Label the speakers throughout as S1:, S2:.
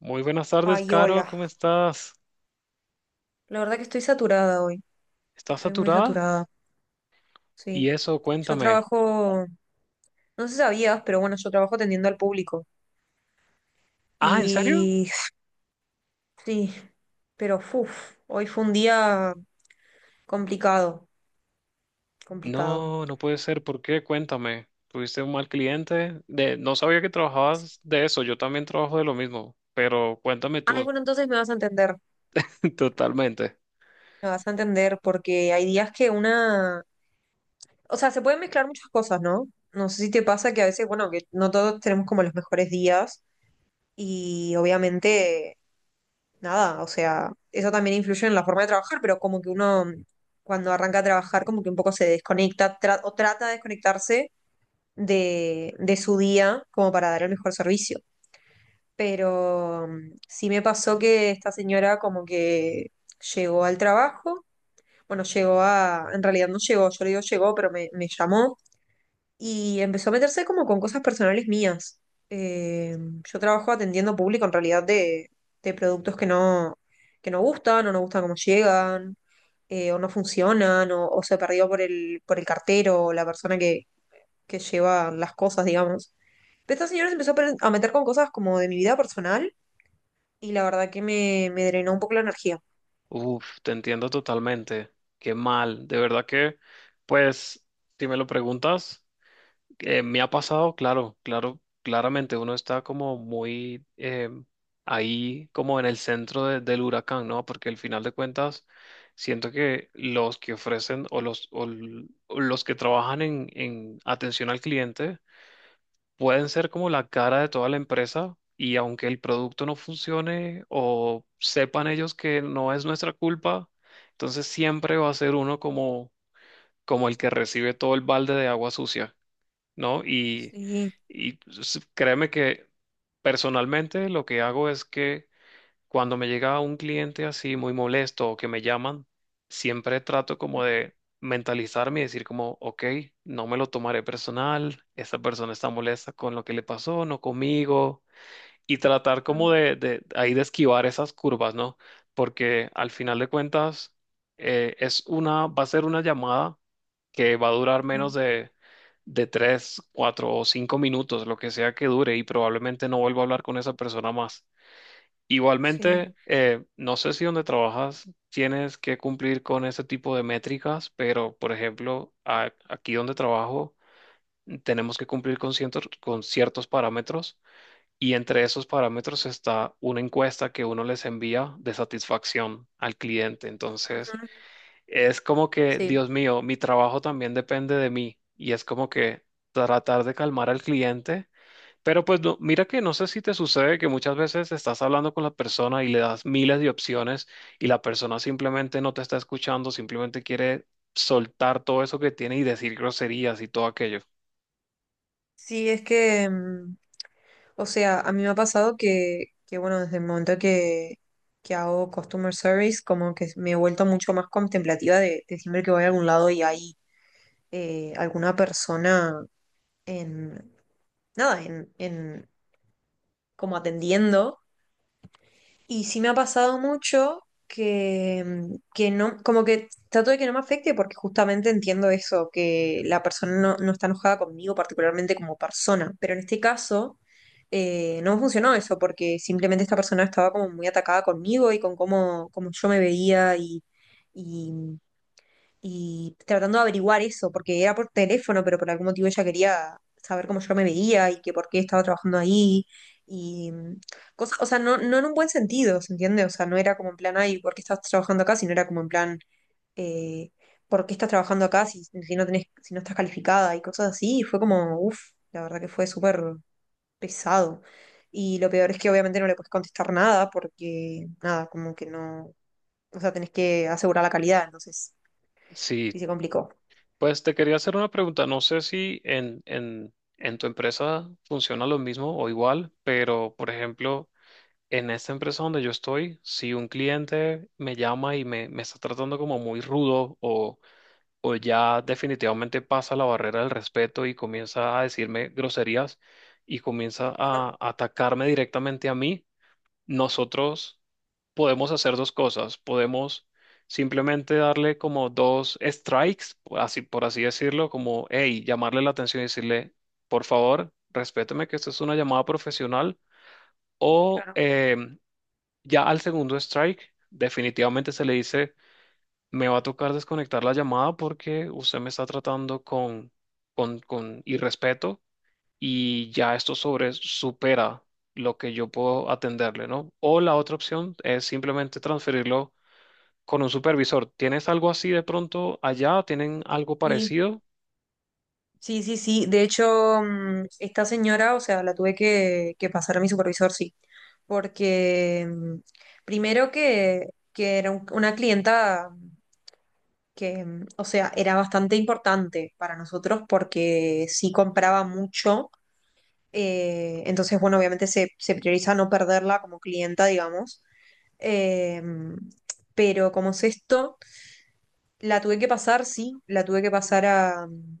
S1: Muy buenas tardes,
S2: Ay,
S1: Caro,
S2: hola.
S1: ¿cómo estás?
S2: La verdad que estoy saturada hoy.
S1: ¿Estás
S2: Estoy muy
S1: saturada?
S2: saturada.
S1: Y
S2: Sí.
S1: eso,
S2: Yo
S1: cuéntame.
S2: trabajo, no sé si sabías, pero bueno, yo trabajo atendiendo al público.
S1: Ah, ¿en serio?
S2: Y sí, pero uff, hoy fue un día complicado, complicado.
S1: No, no puede ser. ¿Por qué? Cuéntame. ¿Tuviste un mal cliente? No sabía que trabajabas de eso. Yo también trabajo de lo mismo, pero cuéntame
S2: Ay,
S1: tú.
S2: bueno, entonces me vas a entender.
S1: Totalmente.
S2: Me vas a entender porque hay días que una, o sea, se pueden mezclar muchas cosas, ¿no? No sé si te pasa que a veces, bueno, que no todos tenemos como los mejores días y obviamente nada, o sea, eso también influye en la forma de trabajar, pero como que uno cuando arranca a trabajar como que un poco se desconecta o trata de desconectarse de, su día como para dar el mejor servicio. Pero sí me pasó que esta señora como que llegó al trabajo, bueno, llegó a, en realidad no llegó, yo le digo llegó, pero me llamó y empezó a meterse como con cosas personales mías. Eh, yo trabajo atendiendo público en realidad de, productos que no gustan o no gustan cómo llegan o no funcionan o se perdió por el, cartero o la persona que lleva las cosas, digamos. Pero esta señora se empezó a a meter con cosas como de mi vida personal y la verdad que me drenó un poco la energía.
S1: Uf, te entiendo totalmente. Qué mal. De verdad que, pues, si me lo preguntas. Me ha pasado, claro, claro, claramente uno está como muy ahí, como en el centro del huracán, ¿no? Porque al final de cuentas, siento que los que ofrecen o los que trabajan en atención al cliente pueden ser como la cara de toda la empresa y aunque el producto no funcione o sepan ellos que no es nuestra culpa, entonces siempre va a ser uno como el que recibe todo el balde de agua sucia, ¿no? Y,
S2: Sí,
S1: y s- créeme que personalmente lo que hago es que cuando me llega un cliente así muy molesto o que me llaman, siempre trato como de mentalizarme y decir como, ok, no me lo tomaré personal, esta persona está molesta con lo que le pasó, no conmigo, y tratar
S2: claro.
S1: como de ahí de esquivar esas curvas, ¿no? Porque al final de cuentas es una, va a ser una llamada que va a durar menos
S2: Ujú,
S1: de 3 4 o 5 minutos, lo que sea que dure, y probablemente no vuelva a hablar con esa persona más.
S2: sí.
S1: Igualmente, no sé si donde trabajas tienes que cumplir con ese tipo de métricas, pero por ejemplo, aquí donde trabajo tenemos que cumplir con con ciertos parámetros y entre esos parámetros está una encuesta que uno les envía de satisfacción al cliente. Entonces,
S2: Ujú.
S1: es como que,
S2: Sí,
S1: Dios mío, mi trabajo también depende de mí. Y es como que tratar de calmar al cliente. Pero pues mira que no sé si te sucede que muchas veces estás hablando con la persona y le das miles de opciones y la persona simplemente no te está escuchando, simplemente quiere soltar todo eso que tiene y decir groserías y todo aquello.
S2: sí, es que o sea, a mí me ha pasado que bueno, desde el momento que, hago customer service, como que me he vuelto mucho más contemplativa de siempre que voy a algún lado y hay alguna persona en, nada, en como atendiendo. Y sí me ha pasado mucho que no, como que trato de que no me afecte porque justamente entiendo eso, que la persona no, no está enojada conmigo particularmente como persona. Pero en este caso no funcionó eso porque simplemente esta persona estaba como muy atacada conmigo y con cómo yo me veía y y tratando de averiguar eso, porque era por teléfono, pero por algún motivo ella quería saber cómo yo me veía y que por qué estaba trabajando ahí. Y cosas, o sea, no, no en un buen sentido, ¿se entiende? O sea, no era como en plan, ay, ¿por qué estás trabajando acá? Sino era como en plan, eh, ¿por qué estás trabajando acá si, si no tenés, si no estás calificada? Y cosas así. Y fue como, uff, la verdad que fue súper pesado. Y lo peor es que obviamente no le puedes contestar nada porque, nada, como que no, o sea, tenés que asegurar la calidad, entonces
S1: Sí.
S2: sí se complicó.
S1: Pues te quería hacer una pregunta. No sé si en tu empresa funciona lo mismo o igual, pero por ejemplo, en esta empresa donde yo estoy, si un cliente me llama y me está tratando como muy rudo o ya definitivamente pasa la barrera del respeto y comienza a decirme groserías y comienza a atacarme directamente a mí, nosotros podemos hacer dos cosas. Podemos simplemente darle como dos strikes, así por así decirlo, como, hey, llamarle la atención y decirle, por favor, respéteme que esto es una llamada profesional. O
S2: Claro.
S1: ya al segundo strike, definitivamente se le dice, me va a tocar desconectar la llamada porque usted me está tratando con irrespeto y ya esto sobre supera lo que yo puedo atenderle, ¿no? O la otra opción es simplemente transferirlo con un supervisor. ¿Tienes algo así de pronto allá? ¿Tienen algo
S2: Y
S1: parecido?
S2: sí, sí, sí. De hecho, esta señora, o sea, la tuve que, pasar a mi supervisor, sí. Porque primero que era una clienta que, o sea, era bastante importante para nosotros porque sí compraba mucho. Entonces, bueno, obviamente se, se prioriza no perderla como clienta, digamos. eh, pero como es esto, la tuve que pasar, sí, la tuve que pasar a, mm,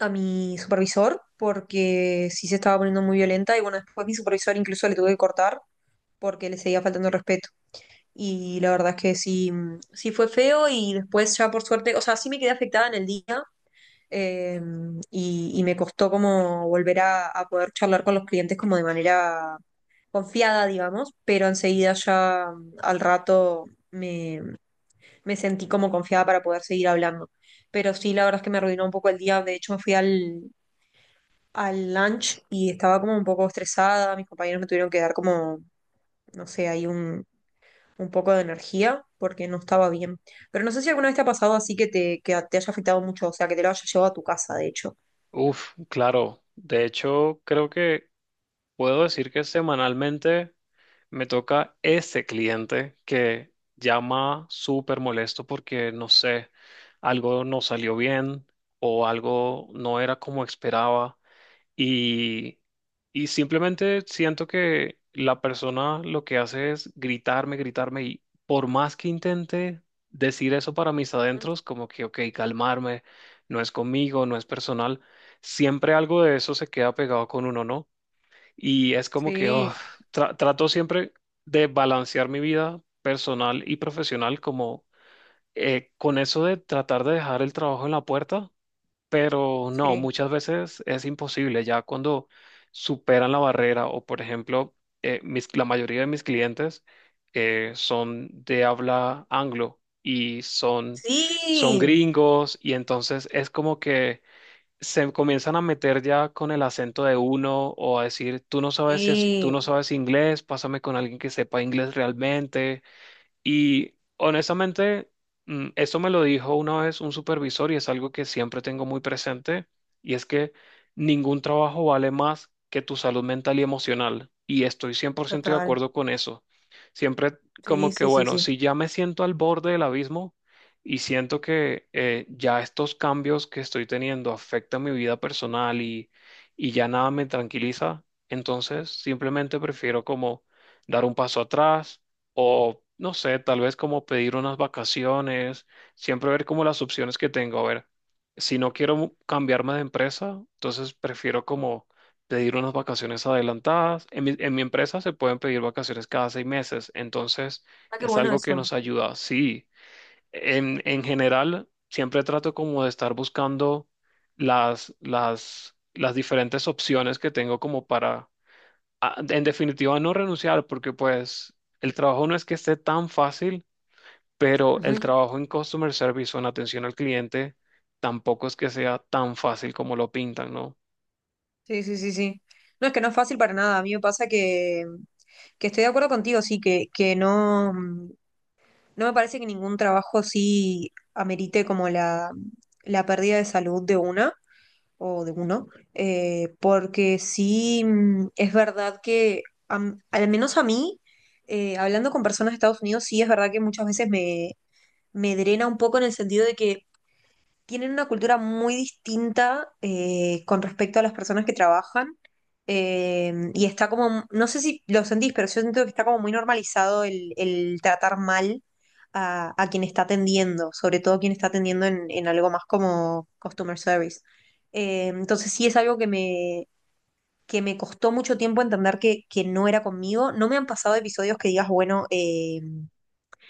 S2: a mi supervisor porque sí se estaba poniendo muy violenta y bueno, después mi supervisor incluso le tuve que cortar porque le seguía faltando el respeto. Y la verdad es que sí, sí fue feo y después ya por suerte, o sea, sí me quedé afectada en el día eh, y me costó como volver a, poder charlar con los clientes como de manera confiada, digamos, pero enseguida ya al rato me, me sentí como confiada para poder seguir hablando. Pero sí, la verdad es que me arruinó un poco el día. De hecho, me fui al, lunch y estaba como un poco estresada, mis compañeros me tuvieron que dar como, no sé, ahí un, poco de energía porque no estaba bien. Pero no sé si alguna vez te ha pasado así que te haya afectado mucho, o sea, que te lo haya llevado a tu casa, de hecho.
S1: Uf, claro. De hecho, creo que puedo decir que semanalmente me toca ese cliente que llama súper molesto porque, no sé, algo no salió bien o algo no era como esperaba. Y, y simplemente siento que la persona lo que hace es gritarme, gritarme, y por más que intente decir eso para mis adentros, como que, ok, calmarme, no es conmigo, no es personal, siempre algo de eso se queda pegado con uno, ¿no? Y es como que oh,
S2: Sí,
S1: trato siempre de balancear mi vida personal y profesional como con eso de tratar de dejar el trabajo en la puerta, pero no,
S2: sí.
S1: muchas veces es imposible. Ya cuando superan la barrera o, por ejemplo, la mayoría de mis clientes son de habla anglo y son
S2: Sí,
S1: gringos y entonces es como que se comienzan a meter ya con el acento de uno o a decir, tú no sabes, tú
S2: sí,
S1: no sabes inglés, pásame con alguien que sepa inglés realmente. Y honestamente, eso me lo dijo una vez un supervisor y es algo que siempre tengo muy presente, y es que ningún trabajo vale más que tu salud mental y emocional. Y estoy 100% de
S2: total.
S1: acuerdo con eso. Siempre
S2: Sí,
S1: como que,
S2: sí, sí,
S1: bueno,
S2: sí.
S1: si ya me siento al borde del abismo y siento que ya estos cambios que estoy teniendo afectan mi vida personal y ya nada me tranquiliza, entonces simplemente prefiero como dar un paso atrás o no sé, tal vez como pedir unas vacaciones, siempre ver como las opciones que tengo. A ver, si no quiero cambiarme de empresa, entonces prefiero como pedir unas vacaciones adelantadas. En mi empresa se pueden pedir vacaciones cada 6 meses, entonces
S2: Ah, qué
S1: es
S2: bueno
S1: algo que
S2: eso.
S1: nos ayuda. Sí, en general siempre trato como de estar buscando las diferentes opciones que tengo como para en definitiva, no renunciar, porque pues el trabajo no es que esté tan fácil, pero el
S2: Ujú.
S1: trabajo en customer service o en atención al cliente tampoco es que sea tan fácil como lo pintan, ¿no?
S2: Sí, sí, sí, sí. No, es que no es fácil para nada. A mí me pasa que, estoy de acuerdo contigo, sí, que no. No me parece que ningún trabajo así amerite como la pérdida de salud de una o de uno, porque sí es verdad que, al menos a mí, hablando con personas de Estados Unidos, sí es verdad que muchas veces me drena un poco en el sentido de que tienen una cultura muy distinta con respecto a las personas que trabajan. Y está como, no sé si lo sentís, pero yo siento que está como muy normalizado el, tratar mal a quien está atendiendo, sobre todo quien está atendiendo en algo más como customer service. Entonces sí es algo que me, costó mucho tiempo entender que no era conmigo. No me han pasado episodios que digas, bueno,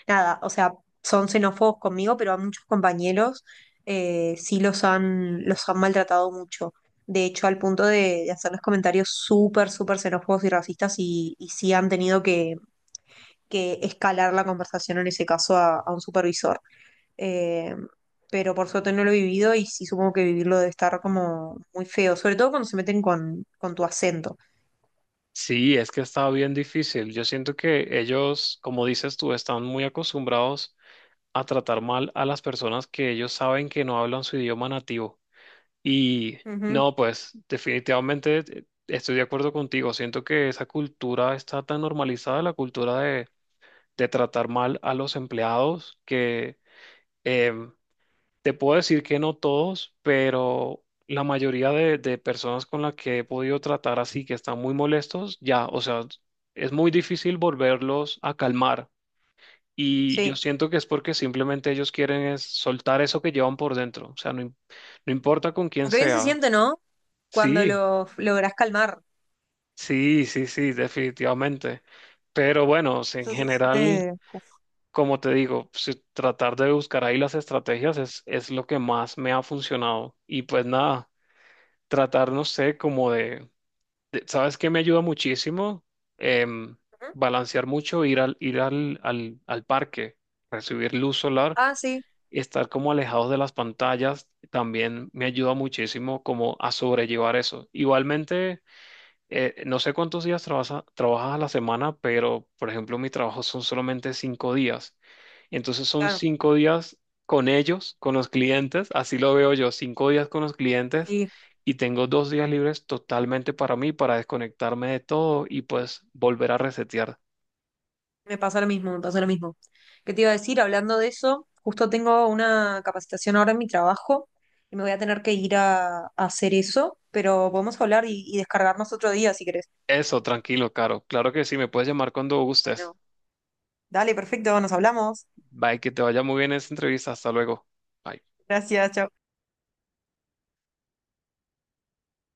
S2: nada, o sea, son xenófobos conmigo, pero a muchos compañeros sí los han, maltratado mucho. De hecho, al punto de hacerles comentarios súper, súper xenófobos y racistas y sí han tenido que, escalar la conversación en ese caso a un supervisor. Eh, pero por suerte no lo he vivido y sí supongo que vivirlo debe estar como muy feo, sobre todo cuando se meten con tu acento.
S1: Sí, es que está bien difícil. Yo siento que ellos, como dices tú, están muy acostumbrados a tratar mal a las personas que ellos saben que no hablan su idioma nativo. Y
S2: Ujú,
S1: no, pues definitivamente estoy de acuerdo contigo. Siento que esa cultura está tan normalizada, la cultura de tratar mal a los empleados, que em, te puedo decir que no todos, pero la mayoría de personas con las que he podido tratar así, que están muy molestos, ya, o sea, es muy difícil volverlos a calmar. Y yo
S2: sí.
S1: siento que es porque simplemente ellos quieren es soltar eso que llevan por dentro, o sea, no, no importa con quién
S2: Aunque bien se
S1: sea.
S2: siente, ¿no? Cuando
S1: Sí,
S2: lo logras calmar.
S1: sí, sí, sí, definitivamente. Pero bueno, o sea, en
S2: Eso se
S1: general...
S2: siente.
S1: como te digo, tratar de buscar ahí las estrategias es, lo que más me ha funcionado. Y pues nada, tratar, no sé, ¿sabes qué me ayuda muchísimo? Em,
S2: ¿Mm?
S1: Balancear mucho, ir al parque, recibir luz solar,
S2: Ah, sí,
S1: estar como alejados de las pantallas, también me ayuda muchísimo como a sobrellevar eso. Igualmente, no sé cuántos días trabajas a la semana, pero por ejemplo, mi trabajo son solamente 5 días. Entonces son
S2: claro,
S1: 5 días con ellos, con los clientes, así lo veo yo, 5 días con los clientes
S2: sí,
S1: y tengo 2 días libres totalmente para mí, para desconectarme de todo y pues volver a resetear.
S2: me pasa lo mismo, me pasa lo mismo. ¿Qué te iba a decir? Hablando de eso, justo tengo una capacitación ahora en mi trabajo y me voy a tener que ir a, hacer eso, pero podemos hablar y descargarnos otro día si querés.
S1: Eso, tranquilo, Caro. Claro que sí, me puedes llamar cuando gustes.
S2: Bueno, dale, perfecto, nos hablamos.
S1: Bye, que te vaya muy bien esa entrevista. Hasta luego. Bye.
S2: Gracias, chao.